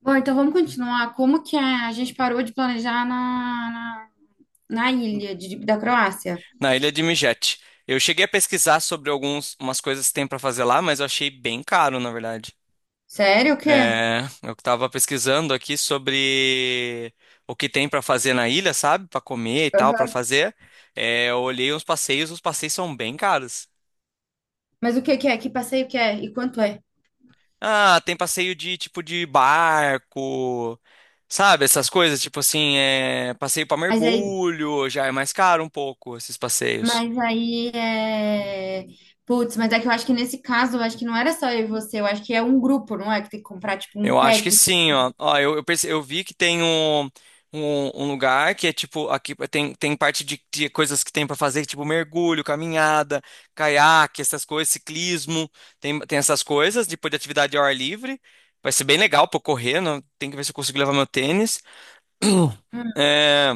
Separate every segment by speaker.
Speaker 1: Bom, então vamos continuar. Como que a gente parou de planejar na ilha da Croácia?
Speaker 2: Na ilha de Mijet. Eu cheguei a pesquisar sobre algumas umas coisas que tem pra fazer lá, mas eu achei bem caro, na verdade.
Speaker 1: Sério, o quê?
Speaker 2: É, eu tava pesquisando aqui sobre o que tem pra fazer na ilha, sabe? Pra comer e tal, pra
Speaker 1: Aham.
Speaker 2: fazer. É, eu olhei os passeios são bem caros.
Speaker 1: Mas o que que é? Que passeio que é? E quanto é?
Speaker 2: Ah, tem passeio de tipo de barco, sabe? Essas coisas, tipo assim, passeio pra
Speaker 1: Mas aí,
Speaker 2: mergulho, já é mais caro um pouco esses passeios.
Speaker 1: mas aí é... Putz, mas é que eu acho que nesse caso, eu acho que não era só eu e você, eu acho que é um grupo, não é? Que tem que comprar, tipo, um
Speaker 2: Eu acho que
Speaker 1: pack.
Speaker 2: sim, ó. Ó, eu vi que tem um lugar que é tipo, aqui tem parte de coisas que tem pra fazer, tipo mergulho, caminhada, caiaque, essas coisas, ciclismo, tem essas coisas, depois de atividade ao ar livre. Vai ser bem legal pra eu correr, não, tem que ver se eu consigo levar meu tênis.
Speaker 1: Hum.
Speaker 2: É,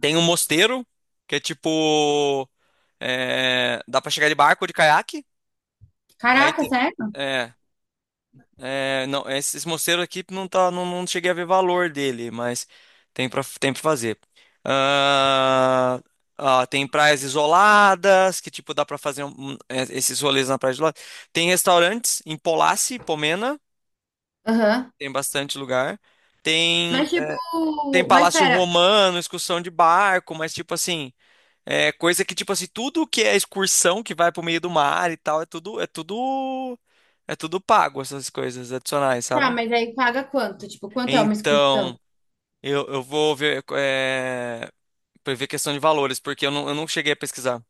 Speaker 2: tem um mosteiro, que é tipo, dá pra chegar de barco ou de caiaque. Aí
Speaker 1: Caraca,
Speaker 2: tem,
Speaker 1: sério?
Speaker 2: é, é, não, esse mosteiro aqui não tá, não cheguei a ver valor dele, mas tem para fazer. Ah, ah, tem praias isoladas, que tipo dá para fazer esses rolês na praia isolada. Tem restaurantes em Polassi, Pomena,
Speaker 1: Aham.
Speaker 2: tem bastante lugar. Tem
Speaker 1: Mas, tipo...
Speaker 2: tem
Speaker 1: Mas,
Speaker 2: Palácio
Speaker 1: pera.
Speaker 2: Romano, excursão de barco, mas tipo assim, é coisa que tipo assim, tudo que é excursão que vai pro meio do mar e tal, é tudo pago essas coisas adicionais,
Speaker 1: Tá,
Speaker 2: sabe?
Speaker 1: mas aí paga quanto? Tipo, quanto é uma excursão?
Speaker 2: Então, eu vou ver, pra ver questão de valores, porque eu não cheguei a pesquisar.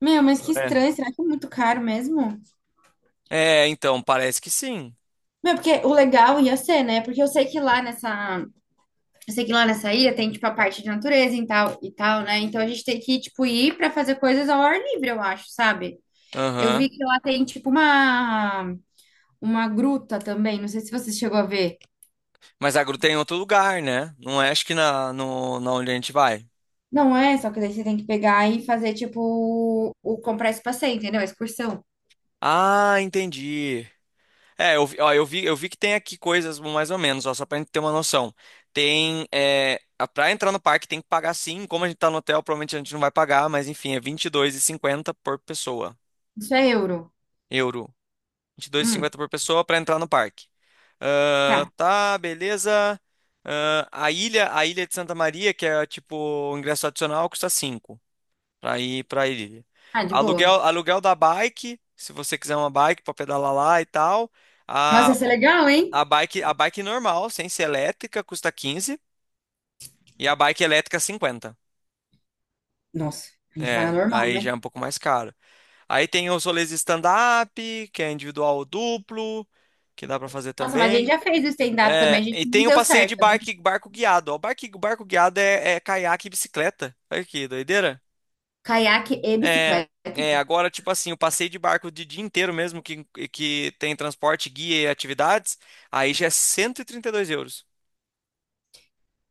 Speaker 1: Meu, mas que
Speaker 2: É.
Speaker 1: estranho. Será que é muito caro mesmo?
Speaker 2: É, então, parece que sim.
Speaker 1: Meu, porque o legal ia ser, né? Porque eu sei que lá nessa ilha tem tipo a parte de natureza e tal, né? Então a gente tem que tipo ir pra fazer coisas ao ar livre, eu acho, sabe? Eu
Speaker 2: Aham.
Speaker 1: vi que lá tem tipo uma gruta também, não sei se você chegou a ver.
Speaker 2: Mas a gruta é em outro lugar, né? Não é, acho que na, no, na onde a gente vai.
Speaker 1: Não é, só que daí você tem que pegar e fazer tipo o comprar esse passeio, entendeu? A excursão.
Speaker 2: Ah, entendi. É, ó, eu vi que tem aqui coisas mais ou menos, ó, só pra gente ter uma noção. Tem, pra entrar no parque tem que pagar sim, como a gente tá no hotel, provavelmente a gente não vai pagar, mas enfim, é vinte e dois e cinquenta por pessoa,
Speaker 1: Isso é euro.
Speaker 2: euro. vinte e dois e
Speaker 1: Hum,
Speaker 2: cinquenta por pessoa para entrar no parque. Ah,
Speaker 1: tá.
Speaker 2: tá, beleza. Ah, a ilha de Santa Maria, que é tipo o ingresso adicional, custa 5 para ir para a ilha.
Speaker 1: Ah, de
Speaker 2: Aluguel,
Speaker 1: boa.
Speaker 2: aluguel da bike, se você quiser uma bike para pedalar lá e tal.
Speaker 1: Nossa, ia
Speaker 2: A,
Speaker 1: ser legal, hein?
Speaker 2: a bike normal, sem ser elétrica, custa 15 e a bike elétrica 50.
Speaker 1: Nossa, a gente vai na
Speaker 2: É,
Speaker 1: normal,
Speaker 2: aí já é
Speaker 1: né?
Speaker 2: um pouco mais caro. Aí tem os rolês de stand-up, que é individual ou duplo, que dá para fazer
Speaker 1: Nossa, mas a gente
Speaker 2: também.
Speaker 1: já fez o stand-up também, a
Speaker 2: É, e
Speaker 1: gente não
Speaker 2: tem o
Speaker 1: deu
Speaker 2: passeio de
Speaker 1: certo, né?
Speaker 2: barco, barco guiado. Ó. O barco guiado é caiaque e bicicleta. Olha que doideira.
Speaker 1: Caiaque e
Speaker 2: É,
Speaker 1: bicicleta.
Speaker 2: é, agora, tipo assim, o passeio de barco de dia inteiro mesmo, que tem transporte, guia e atividades, aí já é cento e trinta e dois euros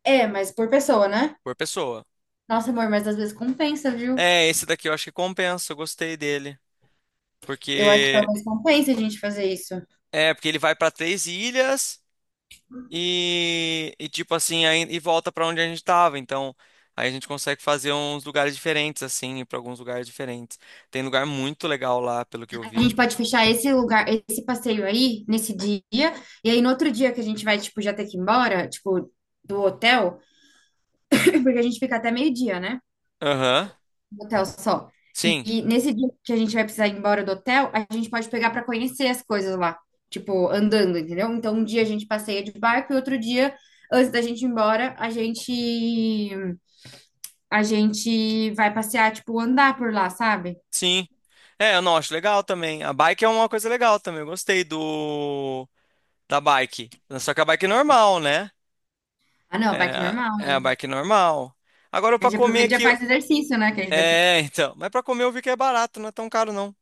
Speaker 1: É, mas por pessoa, né?
Speaker 2: por pessoa.
Speaker 1: Nossa, amor, mas às vezes compensa, viu?
Speaker 2: É, esse daqui eu acho que compensa, eu gostei dele.
Speaker 1: Eu acho que
Speaker 2: Porque,
Speaker 1: talvez compense a gente fazer isso.
Speaker 2: porque ele vai para três ilhas. E tipo assim, aí, e volta pra onde a gente tava. Então, aí a gente consegue fazer uns lugares diferentes, assim, ir pra alguns lugares diferentes. Tem lugar muito legal lá, pelo que eu
Speaker 1: A
Speaker 2: vi.
Speaker 1: gente pode fechar esse lugar, esse passeio aí, nesse dia, e aí no outro dia que a gente vai, tipo, já ter que ir embora, tipo, do hotel, porque a gente fica até meio-dia, né?
Speaker 2: Aham.
Speaker 1: No hotel só. E,
Speaker 2: Sim,
Speaker 1: e nesse dia que a gente vai precisar ir embora do hotel, a gente pode pegar pra conhecer as coisas lá, tipo, andando, entendeu? Então, um dia a gente passeia de barco e outro dia, antes da gente ir embora, a gente vai passear, tipo, andar por lá, sabe?
Speaker 2: sim. É, eu não acho legal também. A bike é uma coisa legal também. Eu gostei do da bike. Só que a bike é normal, né?
Speaker 1: Ah, não,
Speaker 2: É,
Speaker 1: bike normal.
Speaker 2: é a bike normal. Agora
Speaker 1: A
Speaker 2: pra
Speaker 1: gente
Speaker 2: comer
Speaker 1: aproveita e já
Speaker 2: aqui.
Speaker 1: faz exercício, né? Que a gente vai ter.
Speaker 2: É, então. Mas pra comer eu vi que é barato, não é tão caro, não.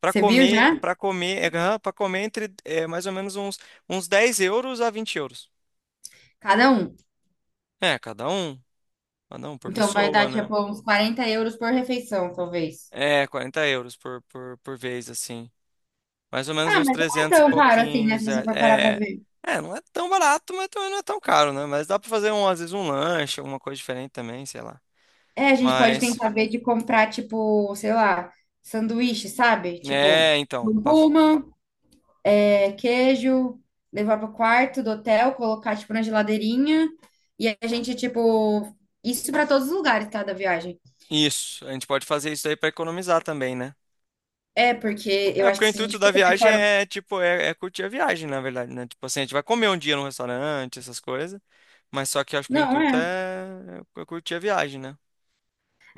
Speaker 2: Para
Speaker 1: Você viu
Speaker 2: comer,
Speaker 1: já?
Speaker 2: para comer, é, para comer entre mais ou menos uns, uns €10 a €20.
Speaker 1: Cada um.
Speaker 2: É, cada um por
Speaker 1: Então vai
Speaker 2: pessoa,
Speaker 1: dar,
Speaker 2: né?
Speaker 1: tipo, uns 40 euros por refeição, talvez.
Speaker 2: É, €40 por vez, assim. Mais ou menos
Speaker 1: Ah,
Speaker 2: uns
Speaker 1: mas não é
Speaker 2: 300 e
Speaker 1: tão caro assim, né? Se
Speaker 2: pouquinhos.
Speaker 1: você
Speaker 2: É,
Speaker 1: for parar pra
Speaker 2: é,
Speaker 1: ver.
Speaker 2: é, não é tão barato, mas também não é tão caro, né? Mas dá para fazer, um, às vezes, um lanche, alguma coisa diferente também, sei lá.
Speaker 1: É, a gente pode tentar
Speaker 2: Mas,
Speaker 1: ver de comprar, tipo, sei lá, sanduíche, sabe? Tipo,
Speaker 2: é, então, pra-
Speaker 1: curcuma, queijo, levar pro quarto do hotel, colocar, tipo, na geladeirinha. E a gente, tipo, isso pra todos os lugares, tá, da viagem.
Speaker 2: isso, a gente pode fazer isso aí para economizar também, né?
Speaker 1: É, porque eu
Speaker 2: É,
Speaker 1: acho
Speaker 2: porque o
Speaker 1: que se a
Speaker 2: intuito
Speaker 1: gente
Speaker 2: da
Speaker 1: for comer
Speaker 2: viagem
Speaker 1: fora.
Speaker 2: é, tipo, é curtir a viagem, na verdade, né? Tipo assim, a gente vai comer um dia num restaurante, essas coisas, mas só que eu acho que o
Speaker 1: Não,
Speaker 2: intuito
Speaker 1: é.
Speaker 2: é curtir a viagem, né?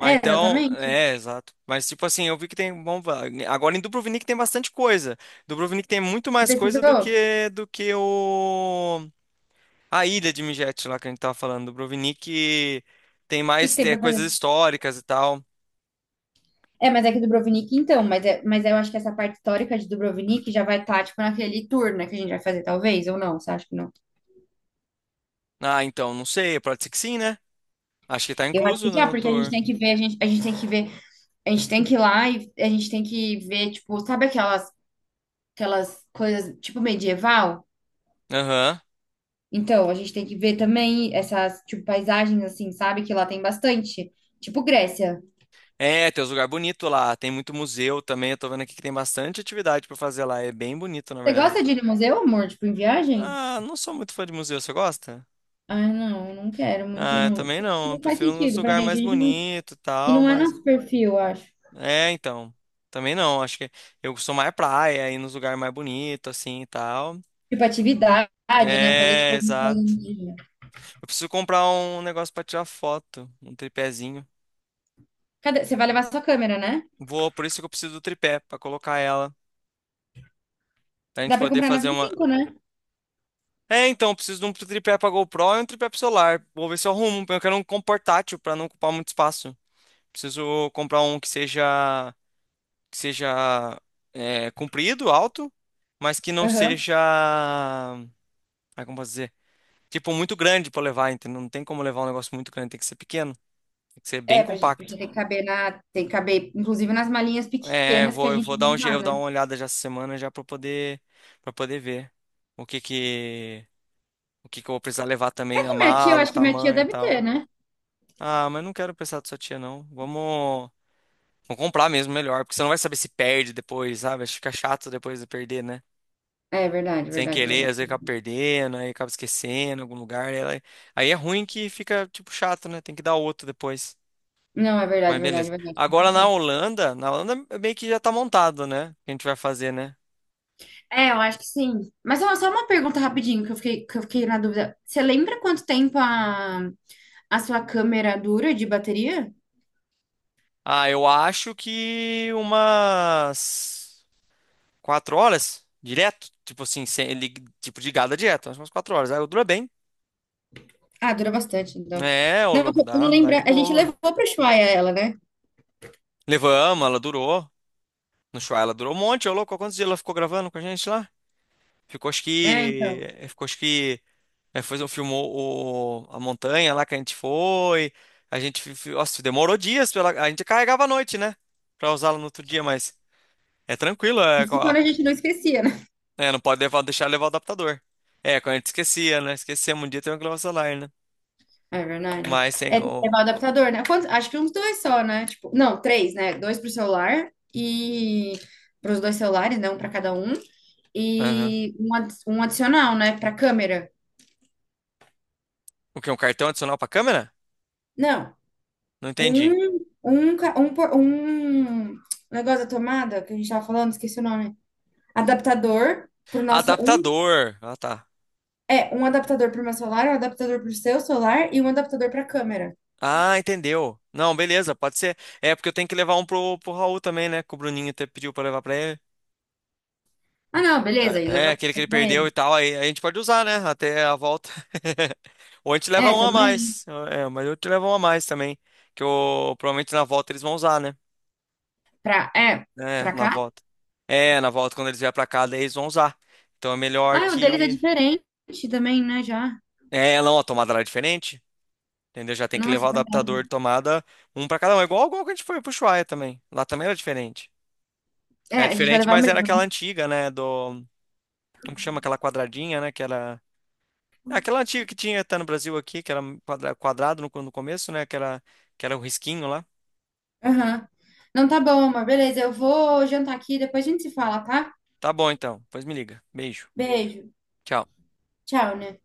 Speaker 1: É,
Speaker 2: então,
Speaker 1: exatamente.
Speaker 2: exato. Mas tipo assim, eu vi que tem, bom, agora em Dubrovnik tem bastante coisa. Dubrovnik tem muito
Speaker 1: Você
Speaker 2: mais
Speaker 1: pesquisou?
Speaker 2: coisa do
Speaker 1: O
Speaker 2: que do que o a ilha de Mijet lá que a gente tava falando. Dubrovnik tem
Speaker 1: que que
Speaker 2: mais
Speaker 1: tem pra
Speaker 2: coisas
Speaker 1: fazer?
Speaker 2: históricas e tal.
Speaker 1: É, mas é que Dubrovnik, então, mas eu acho que essa parte histórica de Dubrovnik já vai estar, tipo, naquele tour, né, que a gente vai fazer, talvez, ou não, você acha que não?
Speaker 2: Ah, então, não sei, pode ser que sim, né? Acho que tá
Speaker 1: Eu acho que
Speaker 2: incluso, né,
Speaker 1: já,
Speaker 2: no
Speaker 1: porque a gente
Speaker 2: tour.
Speaker 1: tem que ver, a gente tem que ver, a gente tem que ir lá e a gente tem que ver, tipo, sabe aquelas coisas, tipo, medieval?
Speaker 2: Aham.
Speaker 1: Então, a gente tem que ver também essas, tipo, paisagens, assim, sabe, que lá tem bastante, tipo Grécia.
Speaker 2: É, tem uns lugares bonitos lá, tem muito museu também, eu tô vendo aqui que tem bastante atividade pra fazer lá, é bem bonito, na
Speaker 1: Você
Speaker 2: verdade.
Speaker 1: gosta de ir no museu, amor? Tipo, em viagem?
Speaker 2: Ah, não sou muito fã de museu, você gosta?
Speaker 1: Ah, não, não quero muito,
Speaker 2: Ah, eu
Speaker 1: não.
Speaker 2: também
Speaker 1: Acho que
Speaker 2: não, eu
Speaker 1: não faz
Speaker 2: prefiro uns
Speaker 1: sentido pra
Speaker 2: lugares
Speaker 1: gente.
Speaker 2: mais
Speaker 1: A gente não,
Speaker 2: bonitos e
Speaker 1: e
Speaker 2: tal,
Speaker 1: não é
Speaker 2: mas...
Speaker 1: nosso perfil, eu acho.
Speaker 2: É, então, também não, acho que eu sou mais praia, ir nos lugares mais bonitos, assim, e tal.
Speaker 1: Tipo, atividade, né? Fazer, tipo,
Speaker 2: É,
Speaker 1: alguma coisa
Speaker 2: exato.
Speaker 1: no dia.
Speaker 2: Eu preciso comprar um negócio pra tirar foto, um tripézinho.
Speaker 1: Cadê? Você vai levar sua câmera, né?
Speaker 2: Vou, por isso que eu preciso do tripé, pra colocar ela, pra
Speaker 1: Dá
Speaker 2: gente
Speaker 1: pra
Speaker 2: poder
Speaker 1: comprar na
Speaker 2: fazer
Speaker 1: vinte e
Speaker 2: uma...
Speaker 1: cinco, né?
Speaker 2: É, então, eu preciso de um tripé pra GoPro e um tripé pro celular. Vou ver se eu arrumo. Eu quero um com portátil pra não ocupar muito espaço. Preciso comprar um que seja comprido, alto, mas que não
Speaker 1: Aham.
Speaker 2: seja, ah, como posso dizer, tipo muito grande pra levar, entendeu? Não tem como levar um negócio muito grande, tem que ser pequeno, tem que ser bem
Speaker 1: É, pra gente,
Speaker 2: compacto.
Speaker 1: porque tem que caber, inclusive, nas malinhas
Speaker 2: É,
Speaker 1: pequenas que a
Speaker 2: eu vou
Speaker 1: gente
Speaker 2: dar
Speaker 1: vai
Speaker 2: um, je- eu
Speaker 1: usar,
Speaker 2: vou dar
Speaker 1: né?
Speaker 2: uma olhada já essa semana já para poder ver o que que o que que eu vou precisar levar
Speaker 1: É
Speaker 2: também, a
Speaker 1: que minha tia, eu
Speaker 2: mala, o
Speaker 1: acho que minha tia
Speaker 2: tamanho e
Speaker 1: deve ter,
Speaker 2: tal.
Speaker 1: né?
Speaker 2: Ah, mas não quero pensar da sua tia, não. Vamos comprar mesmo, melhor. Porque você não vai saber se perde depois, sabe? Acho que fica chato depois de perder, né?
Speaker 1: É verdade,
Speaker 2: Sem
Speaker 1: verdade,
Speaker 2: querer,
Speaker 1: verdade.
Speaker 2: às vezes acaba perdendo, aí acaba esquecendo em algum lugar. Aí é ruim que fica, tipo, chato, né? Tem que dar outro depois.
Speaker 1: Não, é
Speaker 2: Mas
Speaker 1: verdade, verdade,
Speaker 2: beleza.
Speaker 1: verdade. Faz
Speaker 2: Agora na
Speaker 1: sentido.
Speaker 2: Holanda, na Holanda é meio que já tá montado, né? O que a gente vai fazer, né?
Speaker 1: É, eu acho que sim. Mas ó, só uma pergunta rapidinho que eu fiquei, na dúvida. Você lembra quanto tempo a sua câmera dura de bateria?
Speaker 2: Ah, eu acho que umas 4 horas direto. Tipo assim, sem, ele- tipo de gada direto. Acho umas 4 horas. Aí dura bem.
Speaker 1: Ah, dura bastante, então.
Speaker 2: É, ô
Speaker 1: Não, porque
Speaker 2: louco,
Speaker 1: eu não
Speaker 2: dá de
Speaker 1: lembra. A gente
Speaker 2: boa.
Speaker 1: levou para o Ushuaia ela, né?
Speaker 2: Levamos, ela durou. No show ela durou um monte, ô louco. Quantos dias ela ficou gravando com a gente lá? Ficou acho
Speaker 1: É,
Speaker 2: que.
Speaker 1: então.
Speaker 2: Ficou acho que. Foi, filmou a montanha lá que a gente foi. A gente. Nossa, demorou dias. A gente carregava à noite, né? Pra usá-la no outro dia, mas. É tranquilo, é.
Speaker 1: Isso quando a gente não esquecia, né?
Speaker 2: Não pode levar, deixar levar o adaptador. É, quando a gente esquecia, né? Esquecemos um dia tem que levar o celular, né?
Speaker 1: É verdade.
Speaker 2: Mas tem.
Speaker 1: É, tem que levar o adaptador, né? Acho que uns dois só, né? Tipo, não, três, né? Dois pro celular e para os dois celulares, né? Um para cada um.
Speaker 2: Aham.
Speaker 1: E um adicional, né? Para câmera.
Speaker 2: O que? Um cartão adicional pra câmera?
Speaker 1: Não.
Speaker 2: Não entendi.
Speaker 1: Um negócio da tomada que a gente tava falando, esqueci o nome. Adaptador pro nosso. Um,
Speaker 2: Adaptador. Ah, tá.
Speaker 1: é, um adaptador pro meu celular, um adaptador pro seu celular e um adaptador pra câmera.
Speaker 2: Ah, entendeu. Não, beleza, pode ser. É porque eu tenho que levar um pro Raul também, né? Que o Bruninho até pediu pra levar pra ele.
Speaker 1: Ah, não, beleza. E
Speaker 2: É,
Speaker 1: levar pra
Speaker 2: aquele que ele
Speaker 1: comprar
Speaker 2: perdeu e
Speaker 1: ele.
Speaker 2: tal. Aí a gente pode usar, né? Até a volta. Ou a gente leva
Speaker 1: É,
Speaker 2: um a
Speaker 1: também.
Speaker 2: mais. É, mas eu te levo um a mais também. Que eu, provavelmente na volta eles vão usar, né?
Speaker 1: Pra, é,
Speaker 2: É,
Speaker 1: pra
Speaker 2: na
Speaker 1: cá?
Speaker 2: volta. É, na volta quando eles vier pra cá, daí eles vão usar. Então é melhor
Speaker 1: Ah, o deles é
Speaker 2: que.
Speaker 1: diferente também, né? Já.
Speaker 2: É, não, a tomada lá é diferente. Entendeu? Já tem que levar
Speaker 1: Nossa,
Speaker 2: o
Speaker 1: é verdade.
Speaker 2: adaptador de tomada um pra cada um. É igual que a gente foi pro Ushuaia também. Lá também era diferente.
Speaker 1: É,
Speaker 2: É
Speaker 1: a gente vai
Speaker 2: diferente,
Speaker 1: levar
Speaker 2: mas era
Speaker 1: mesmo,
Speaker 2: aquela
Speaker 1: né?
Speaker 2: antiga, né? Do. Como que chama aquela quadradinha, né? Que era. Aquela antiga que tinha até no Brasil aqui, que era um quadrado no começo, né? Que era o risquinho lá.
Speaker 1: Aham. Não, tá bom, amor. Beleza, eu vou jantar aqui, depois a gente se fala, tá?
Speaker 2: Tá bom, então. Pois me liga. Beijo.
Speaker 1: Beijo.
Speaker 2: Tchau.
Speaker 1: Tchau, né?